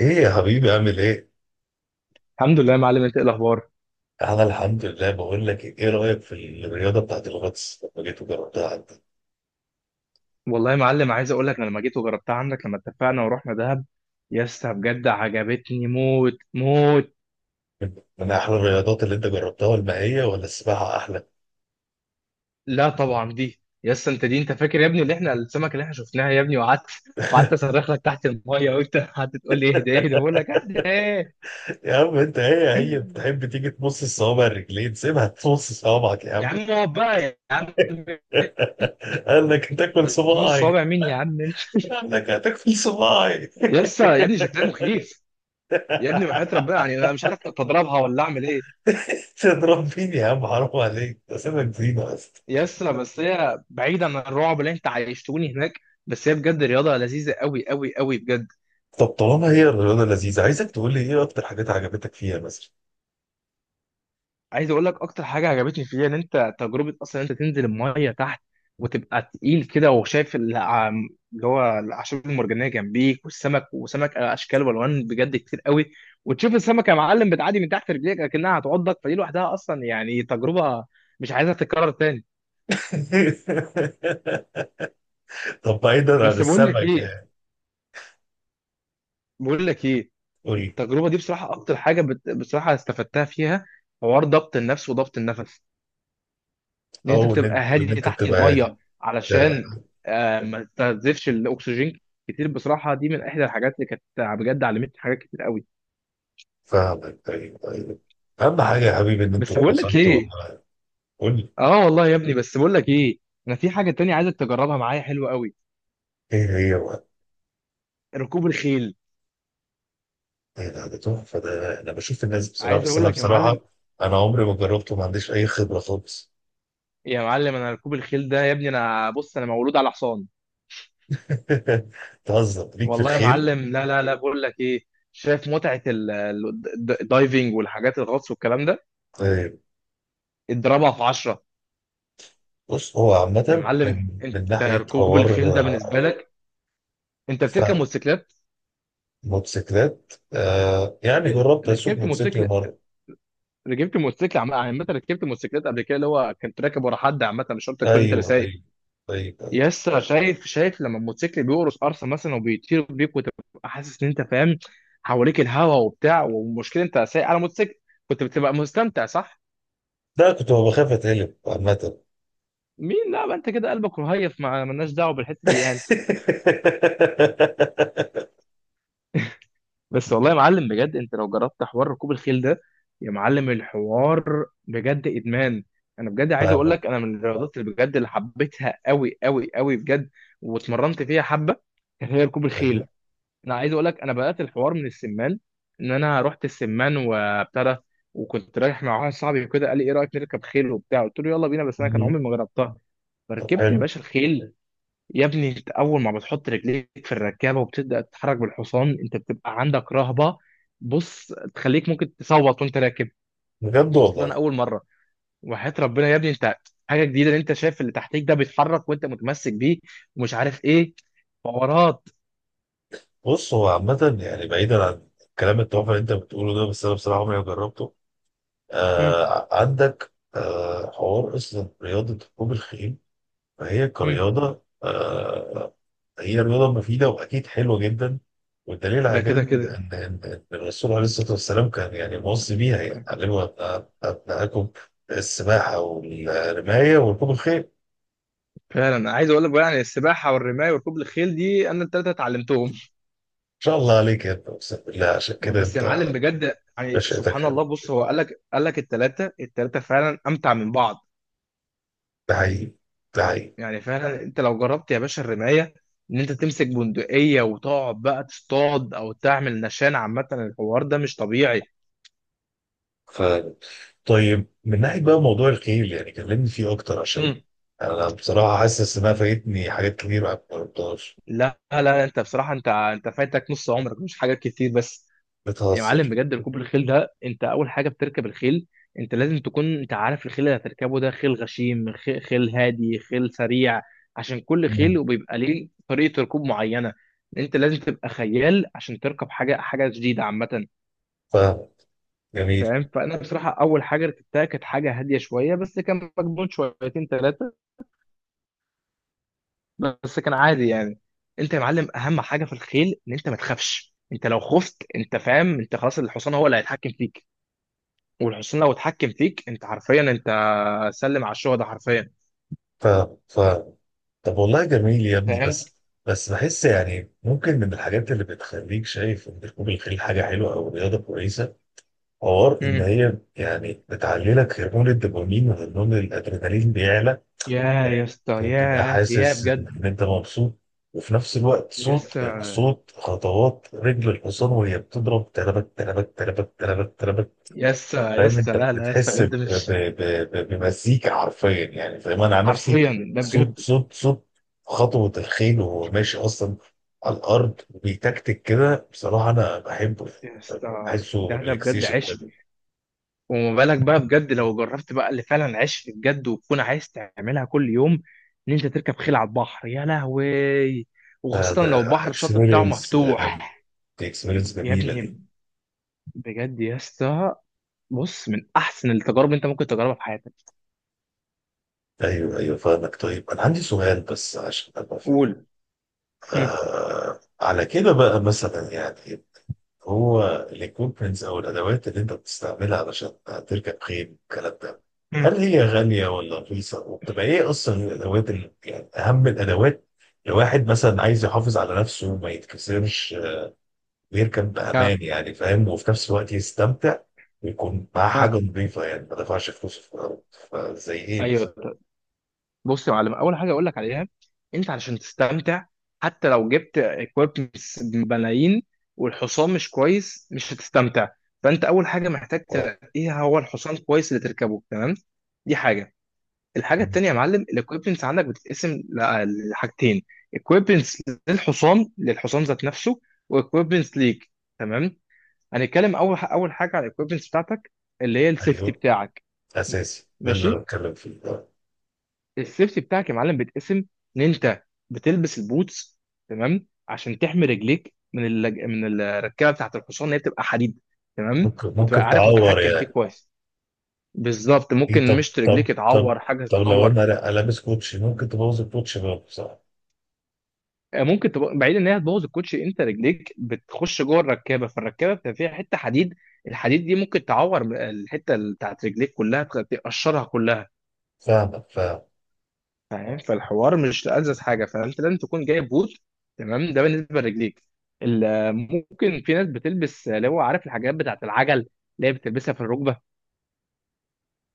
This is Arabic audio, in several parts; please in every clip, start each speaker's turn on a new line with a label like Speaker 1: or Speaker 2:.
Speaker 1: ايه يا حبيبي عامل ايه؟
Speaker 2: الحمد لله يا معلم، انت ايه الاخبار؟
Speaker 1: انا الحمد لله. بقول لك ايه رايك في الرياضه بتاعت الغطس لما جيت وجربتها عندك؟
Speaker 2: والله يا معلم، عايز اقول لك انا لما جيت وجربتها عندك لما اتفقنا ورحنا دهب، يا اسطى بجد عجبتني موت موت.
Speaker 1: من احلى الرياضات اللي انت جربتها، والمائيه ولا السباحه احلى؟
Speaker 2: لا طبعا دي يا اسطى انت، دي انت فاكر يا ابني اللي احنا السمكه اللي احنا شفناها يا ابني، وقعدت اصرخ لك تحت الميه، وانت قعدت تقول لي اهدى اهدى، بقول لك اهدى ايه؟
Speaker 1: يا عم انت هي بتحب تيجي تمص الصوابع الرجلين، سيبها تمص صوابعك يا
Speaker 2: يا
Speaker 1: عم.
Speaker 2: عم اقعد بقى يا عم،
Speaker 1: قال لك هتاكل
Speaker 2: نص
Speaker 1: صباعي.
Speaker 2: صوابع مين يا عم انت؟
Speaker 1: قال لك هتاكل صباعي.
Speaker 2: يا اسطى يا ابني شكلها مخيف، يا ابني وحياة ربنا، يعني انا مش عارف اتضربها ولا اعمل ايه.
Speaker 1: تضرب مين يا عم، حرام عليك، ده سيبك زينه بس.
Speaker 2: يسا، بس هي بعيد عن الرعب اللي انت عايشتوني هناك، بس هي بجد رياضة لذيذة قوي قوي قوي بجد.
Speaker 1: طب طالما هي الرياضه لذيذه، عايزك تقول لي ايه اكتر حاجات عجبتك فيها مثلا.
Speaker 2: عايز اقول لك اكتر حاجة عجبتني فيها ان انت تجربة اصلا، انت تنزل المية تحت، وتبقى تقيل كده وشايف اللي هو الاعشاب المرجانية جنبيك، والسمك وسمك اشكال والوان بجد كتير قوي، وتشوف السمكة يا معلم بتعدي من تحت رجليك اكنها هتعضك، فدي لوحدها اصلا يعني تجربة مش عايزها تتكرر تاني.
Speaker 1: طب بعيدا عن
Speaker 2: بس بقول لك
Speaker 1: السمك
Speaker 2: ايه
Speaker 1: يعني.
Speaker 2: بقول لك ايه
Speaker 1: قول.
Speaker 2: التجربه دي بصراحه اكتر حاجه بصراحه استفدتها فيها حوار ضبط النفس وضبط النفس، ان انت
Speaker 1: او ان
Speaker 2: تبقى
Speaker 1: انت ان
Speaker 2: هادي
Speaker 1: انت
Speaker 2: تحت
Speaker 1: بتبقى هادي
Speaker 2: الميه
Speaker 1: ده.
Speaker 2: علشان ما تستنزفش الاكسجين كتير. بصراحه دي من احدى الحاجات اللي كانت بجد علمتني حاجات كتير قوي.
Speaker 1: فاهمك، طيب طيب. اهم حاجه يا حبيبي ان انتوا
Speaker 2: بس بقول لك
Speaker 1: اتبسطتوا
Speaker 2: ايه،
Speaker 1: والله. قول لي.
Speaker 2: اه والله يا ابني، بس بقول لك ايه، انا في حاجه تانية عايزك تجربها معايا حلوه قوي،
Speaker 1: ايه هي بقى؟
Speaker 2: ركوب الخيل.
Speaker 1: ايه ده؟ ده تحفه ده، انا بشوف الناس بصراحه،
Speaker 2: عايز
Speaker 1: بس
Speaker 2: اقول
Speaker 1: انا
Speaker 2: لك يا
Speaker 1: بصراحه
Speaker 2: معلم،
Speaker 1: انا عمري ما جربته، ما عنديش اي خبره خالص.
Speaker 2: يا معلم انا ركوب الخيل ده يا ابني، انا بص انا مولود على حصان.
Speaker 1: تهزر ليك في
Speaker 2: والله يا
Speaker 1: الخيل؟
Speaker 2: معلم لا لا لا، بقول لك ايه، شايف متعه الدايفنج والحاجات الغطس والكلام ده،
Speaker 1: طيب.
Speaker 2: اضربها في 10.
Speaker 1: بص هو
Speaker 2: يا
Speaker 1: عامه من
Speaker 2: معلم
Speaker 1: من
Speaker 2: انت
Speaker 1: ناحيه
Speaker 2: ركوب
Speaker 1: حوار
Speaker 2: الخيل ده بالنسبه
Speaker 1: آه،
Speaker 2: لك انت بتركب
Speaker 1: فهم.
Speaker 2: موتوسيكلات.
Speaker 1: موتوسيكلات آه، يعني
Speaker 2: رك-
Speaker 1: جربت اسوق
Speaker 2: ركبت
Speaker 1: موتوسيكل
Speaker 2: موتوسيكل،
Speaker 1: مره.
Speaker 2: ركبت موتوسيكل عامه، ركبت موتوسيكلات قبل كده، اللي هو كنت راكب ورا حد، عامه مش شرط تكون انت اللي
Speaker 1: ايوه
Speaker 2: سايق.
Speaker 1: ايوه، طيب.
Speaker 2: يس، شايف لما الموتوسيكل بيقرص قرصه مثلا وبيطير بيك، وتبقى حاسس ان انت فاهم حواليك الهوا وبتاع، والمشكله انت سايق على موتوسيكل، كنت بتبقى مستمتع صح؟
Speaker 1: ده كنت بخاف اتقلب عامة.
Speaker 2: مين؟ لا، ما انت كده قلبك رهيف، مع مالناش دعوه بالحته دي يعني. بس والله يا معلم بجد، انت لو جربت حوار ركوب الخيل ده، يا معلم الحوار بجد ادمان. انا بجد عايز اقول
Speaker 1: فاهمك
Speaker 2: لك، انا من الرياضات اللي بجد اللي حبيتها قوي قوي قوي بجد، واتمرنت فيها حبه، كانت هي ركوب
Speaker 1: فاهم.
Speaker 2: الخيل. انا عايز اقول لك، انا بدات الحوار من السمان، ان انا رحت السمان وابتدى. وكنت رايح مع واحد صاحبي وكده قال لي ايه رايك نركب خيل وبتاع، قلت له يلا بينا، بس انا كان
Speaker 1: مم.
Speaker 2: عمري ما جربتها.
Speaker 1: طب
Speaker 2: فركبت يا
Speaker 1: حلو.
Speaker 2: باشا الخيل، يا ابني انت اول ما بتحط رجليك في الركابه وبتبدا تتحرك بالحصان، انت بتبقى عندك رهبه، بص تخليك ممكن تصوت وانت راكب،
Speaker 1: بجد
Speaker 2: خاصه
Speaker 1: والله؟
Speaker 2: اول مره. وحياه ربنا يا ابني انت، حاجه جديده ان انت شايف اللي تحتيك ده بيتحرك، وانت متمسك بيه، ومش عارف ايه، حوارات.
Speaker 1: بص هو عامة يعني بعيدا عن الكلام التحفة اللي انت بتقوله ده، بس انا بصراحة عمري ما جربته.
Speaker 2: هم،
Speaker 1: آه، عندك آه حوار اصلا. رياضة ركوب الخيل فهي
Speaker 2: هم.
Speaker 1: كرياضة آه، هي رياضة مفيدة وأكيد حلوة جدا. والدليل على
Speaker 2: ده
Speaker 1: كده
Speaker 2: كده
Speaker 1: إن
Speaker 2: كده،
Speaker 1: إن إن الرسول عليه الصلاة والسلام كان يعني موصي بيها، يعني علموا أبنائكم السباحة والرماية وركوب الخيل. إن
Speaker 2: فعلا عايز اقول لك بقى، يعني السباحه والرمايه وركوب الخيل دي انا الثلاثه اتعلمتهم.
Speaker 1: شاء الله عليك يا ابني، أقسم بالله، عشان كده
Speaker 2: بس يا
Speaker 1: أنت
Speaker 2: معلم بجد يعني
Speaker 1: نشأتك
Speaker 2: سبحان الله،
Speaker 1: حلوة.
Speaker 2: بص هو قال لك الثلاثه فعلا امتع من بعض.
Speaker 1: ده حقيقي، ده حقيقي.
Speaker 2: يعني فعلا انت لو جربت يا باشا الرمايه، ان انت تمسك بندقيه وتقعد بقى تصطاد او تعمل نشان، عامه الحوار ده مش طبيعي.
Speaker 1: ف... طيب من ناحية بقى موضوع الخيل، يعني كلمني فيه أكتر عشان
Speaker 2: مم.
Speaker 1: أنا بصراحة حاسس إنها فايتني حاجات كتير ما جربتهاش.
Speaker 2: لا لا، انت بصراحه، انت فايتك نص عمرك، مش حاجات كتير بس. يا معلم
Speaker 1: بتهزر.
Speaker 2: بجد ركوب الخيل ده، انت اول حاجه بتركب الخيل، انت لازم تكون انت عارف الخيل اللي هتركبه ده، خيل غشيم، خيل هادي، خيل سريع، عشان كل خيل
Speaker 1: مم.
Speaker 2: وبيبقى ليه طريقه ركوب معينه. انت لازم تبقى خيال عشان تركب حاجه جديده عامه،
Speaker 1: فاهم. جميل.
Speaker 2: فاهم. فانا بصراحه اول حاجه ركبتها كانت حاجه هاديه شويه، بس كان مجنون شويتين ثلاثه، بس كان عادي يعني. انت يا معلم اهم حاجه في الخيل ان انت ما تخافش، انت لو خفت انت فاهم انت خلاص، الحصان هو اللي هيتحكم فيك، والحصان لو اتحكم فيك انت حرفيا انت سلم على الشهداء حرفيا.
Speaker 1: فاهم فاهم. طب والله جميل يا ابني،
Speaker 2: فاهم.
Speaker 1: بس بس بحس يعني ممكن من الحاجات اللي بتخليك شايف ان ركوب الخيل حاجه حلوه او رياضه كويسه، حوار ان
Speaker 2: مم.
Speaker 1: هي يعني بتعلي لك هرمون الدوبامين، وهرمون الادرينالين بيعلى.
Speaker 2: يا يا اسطى،
Speaker 1: فبتبقى
Speaker 2: يا
Speaker 1: حاسس
Speaker 2: بجد.
Speaker 1: ان انت مبسوط، وفي نفس الوقت
Speaker 2: يا
Speaker 1: صوت.
Speaker 2: اسطى
Speaker 1: خطوات رجل الحصان وهي بتضرب، تربك تربك تربك تربك تربك.
Speaker 2: يا اسطى، يا
Speaker 1: فاهم
Speaker 2: اسطى،
Speaker 1: انت
Speaker 2: لا لا يا اسطى
Speaker 1: بتحس
Speaker 2: بجد، مش
Speaker 1: بمزيكا حرفيا، يعني فاهم انا عن نفسي.
Speaker 2: حرفيا ده بجد.
Speaker 1: صوت صوت صوت خطوة الخيل وهو ماشي اصلا على الارض، وبيتكتك كده. بصراحة انا بحبه
Speaker 2: يا
Speaker 1: يعني.
Speaker 2: اسطى
Speaker 1: بحسه
Speaker 2: ده بجد
Speaker 1: ريلاكسيشن
Speaker 2: عشق،
Speaker 1: حلو.
Speaker 2: وما بالك بقى بجد لو جربت بقى اللي فعلا عشت بجد، وتكون عايز تعملها كل يوم، ان انت تركب خيل على البحر يا لهوي،
Speaker 1: ده
Speaker 2: وخاصة
Speaker 1: ده
Speaker 2: لو البحر الشط بتاعه
Speaker 1: اكسبيرينس.
Speaker 2: مفتوح.
Speaker 1: دي اكسبيرينس
Speaker 2: يا
Speaker 1: جميلة دي.
Speaker 2: ابني بجد يا اسطى، بص من احسن التجارب انت ممكن تجربها في حياتك.
Speaker 1: ايوه ايوه فاهمك. طيب انا عندي سؤال بس عشان ابقى فاهم.
Speaker 2: قول. هم.
Speaker 1: آه على كده بقى مثلا، يعني هو الاكويبمنتس او الادوات اللي انت بتستعملها علشان تركب خيل الكلام ده، هل
Speaker 2: مم.
Speaker 1: هي غاليه ولا رخيصه؟ وبتبقى ايه اصلا الادوات اللي يعني اهم الادوات لو واحد مثلا عايز يحافظ على نفسه وما يتكسرش آه، ويركب
Speaker 2: ها.
Speaker 1: بامان يعني فاهم، وفي نفس الوقت يستمتع ويكون معاه حاجه
Speaker 2: ها.
Speaker 1: نظيفه، يعني ما دفعش فلوس في الأرض. فزي ايه مثلا؟
Speaker 2: ايوه. بص يا معلم، اول حاجه اقول لك عليها، انت علشان تستمتع حتى لو جبت اكويبمنتس بملايين والحصان مش كويس مش هتستمتع، فانت اول حاجه محتاج
Speaker 1: و-
Speaker 2: تلاقيها هو الحصان كويس اللي تركبه، تمام؟ دي حاجه. الحاجه التانيه يا معلم الاكويبمنتس عندك بتتقسم لحاجتين، اكويبمنتس للحصان ذات نفسه، واكويبمنتس ليك، تمام؟ هنتكلم اول حاجه على الاكويبمنتس بتاعتك، اللي هي السيفتي
Speaker 1: ايوه
Speaker 2: بتاعك.
Speaker 1: اساسي، ده اللي انا
Speaker 2: ماشي.
Speaker 1: بتكلم فيه.
Speaker 2: السيفتي بتاعك يا معلم بيتقسم ان انت بتلبس البوتس، تمام، عشان تحمي رجليك من من الركبه بتاعت الحصان اللي هي بتبقى حديد، تمام،
Speaker 1: ممكن
Speaker 2: وتبقى
Speaker 1: ممكن
Speaker 2: عارف
Speaker 1: تعور
Speaker 2: متحكم فيه
Speaker 1: يعني؟
Speaker 2: كويس. بالظبط،
Speaker 1: ايه،
Speaker 2: ممكن
Speaker 1: طب
Speaker 2: مشط
Speaker 1: طب
Speaker 2: رجليك
Speaker 1: طب
Speaker 2: يتعور، حاجه
Speaker 1: طب لو
Speaker 2: تتعور.
Speaker 1: انا لابس كوتشي ممكن تبوظ الكوتشي برضه، صح؟
Speaker 2: آه، ممكن تبقى بعيد ان هي تبوظ الكوتشي، انت رجليك بتخش جوه الركابه، فالركابه بتبقى فيها حته حديد، الحديد دي ممكن تعور الحته بتاعت رجليك كلها، تقشرها كلها.
Speaker 1: فاهمك فاهم.
Speaker 2: فاهم، فالحوار مش ألذذ حاجه، فانت لازم تكون جايب بوت، تمام، ده بالنسبه لرجليك. ممكن في ناس بتلبس اللي هو عارف الحاجات بتاعت العجل، اللي هي بتلبسها في الركبه.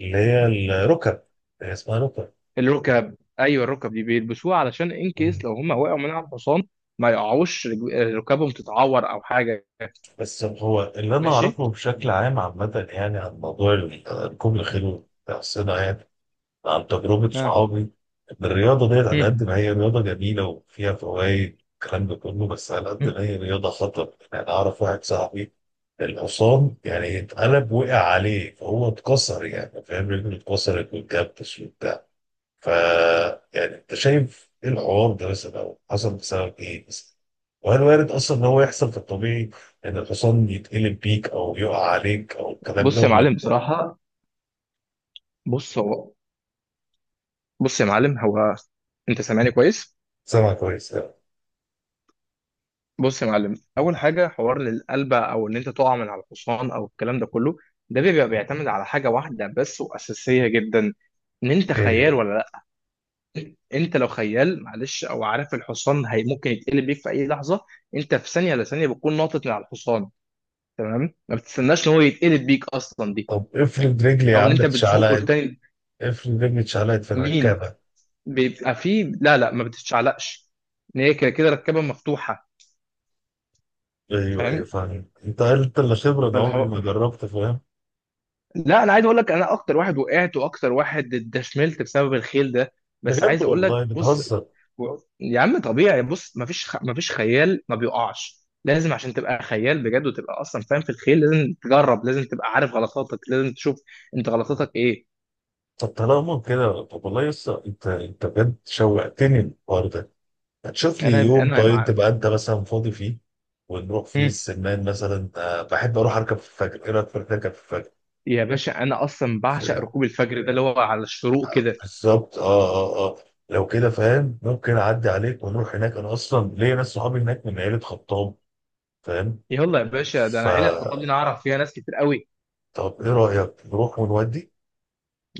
Speaker 1: اللي هي الركب، هي اسمها ركب.
Speaker 2: الركب ايوه، الركب دي بيلبسوها علشان ان
Speaker 1: مم.
Speaker 2: كيس لو هم وقعوا من على الحصان، ما يقعوش ركبهم تتعور او حاجه.
Speaker 1: بس هو اللي انا
Speaker 2: ماشي.
Speaker 1: اعرفه بشكل عام عامة يعني عن موضوع ركوب الخيل والحصينة، يعني عن تجربة
Speaker 2: ها.
Speaker 1: صحابي، إن الرياضة ديت على
Speaker 2: هم.
Speaker 1: قد ما هي رياضة جميلة وفيها فوائد الكلام ده كله، بس على قد
Speaker 2: هم.
Speaker 1: ما هي رياضة خطر. يعني أعرف واحد صاحبي الحصان يعني اتقلب وقع عليه، فهو اتكسر يعني فاهم، رجله اتكسرت واتجبس وبتاع. ف يعني أنت شايف إيه الحوار ده مثلا، أو حصل بسبب إيه مثلا؟ وهل وارد أصلا إن هو يحصل في الطبيعي إن الحصان يتقلب بيك أو يقع عليك أو الكلام ده
Speaker 2: بص يا
Speaker 1: ولا؟
Speaker 2: معلم بصراحه، بص هو بص يا معلم هو، انت سامعني كويس؟
Speaker 1: سامع كويس.
Speaker 2: بص يا معلم، اول حاجه حوار للقلبه او ان انت تقع من على الحصان او الكلام ده كله، ده بيبقى بيعتمد على حاجه واحده بس واساسيه جدا، ان انت
Speaker 1: إيه.
Speaker 2: خيال ولا لا. انت لو خيال معلش، او عارف الحصان هي ممكن يتقلب بيك في اي لحظه، انت في ثانيه لثانيه بتكون ناطط من على الحصان، تمام، ما بتستناش ان هو يتقلب بيك اصلا دي،
Speaker 1: طب افرض رجلي يا
Speaker 2: او ان
Speaker 1: عم
Speaker 2: انت بتزقه
Speaker 1: اتشعلقت،
Speaker 2: لتاني.
Speaker 1: افرض رجلي اتشعلقت في
Speaker 2: مين؟
Speaker 1: الركابة.
Speaker 2: بيبقى فيه، لا لا ما بتتشعلقش، ان هي كده كده ركبه مفتوحه.
Speaker 1: ايوه ايوه فاهم، انت اللي خبرة، انا عمري
Speaker 2: فاهم.
Speaker 1: ما جربت فاهم.
Speaker 2: لا انا عايز اقول لك، انا اكتر واحد وقعت واكتر واحد اتدشملت بسبب الخيل ده، بس
Speaker 1: بجد
Speaker 2: عايز اقول لك
Speaker 1: والله؟
Speaker 2: بص،
Speaker 1: بتهزر.
Speaker 2: يا عم طبيعي، بص مفيش مفيش خيال ما بيقعش، لازم عشان تبقى خيال بجد، وتبقى اصلا فاهم في الخيل لازم تجرب، لازم تبقى عارف غلطاتك، لازم تشوف انت غلطاتك ايه.
Speaker 1: طب طالما كده، طب والله يسا انت انت بجد شوقتني الحوار ده. هتشوف لي
Speaker 2: انا
Speaker 1: يوم
Speaker 2: انا
Speaker 1: طيب
Speaker 2: مع.
Speaker 1: تبقى انت مثلا فاضي فيه، ونروح فيه
Speaker 2: هم.
Speaker 1: السمان مثلا آه، بحب اروح اركب في الفجر. ايه رايك في اركب في الفجر؟
Speaker 2: يا باشا انا اصلا بعشق
Speaker 1: ف-
Speaker 2: ركوب الفجر ده اللي هو على الشروق كده.
Speaker 1: بالظبط اه اه اه. لو كده فاهم ممكن اعدي عليك ونروح هناك، انا اصلا ليا ناس صحابي هناك من عيلة خطاب فاهم.
Speaker 2: يلا يا باشا، ده انا عيله خطيبتي انا
Speaker 1: فطب
Speaker 2: اعرف فيها ناس كتير قوي.
Speaker 1: ايه رأيك نروح ونودي؟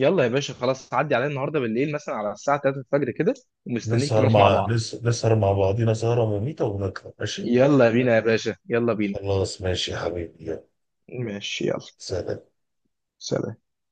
Speaker 2: يلا يا باشا خلاص، عدي عليا النهارده بالليل مثلا على الساعه 3 الفجر كده، ومستنيك
Speaker 1: نسهر
Speaker 2: نروح مع
Speaker 1: مع
Speaker 2: بعض.
Speaker 1: نسهر مع بعضينا سهرة مميتة ونطلع ماشي.
Speaker 2: يلا بينا يا باشا يلا بينا.
Speaker 1: خلاص ماشي يا حبيبي، يلا.
Speaker 2: ماشي يلا.
Speaker 1: سلام.
Speaker 2: سلام.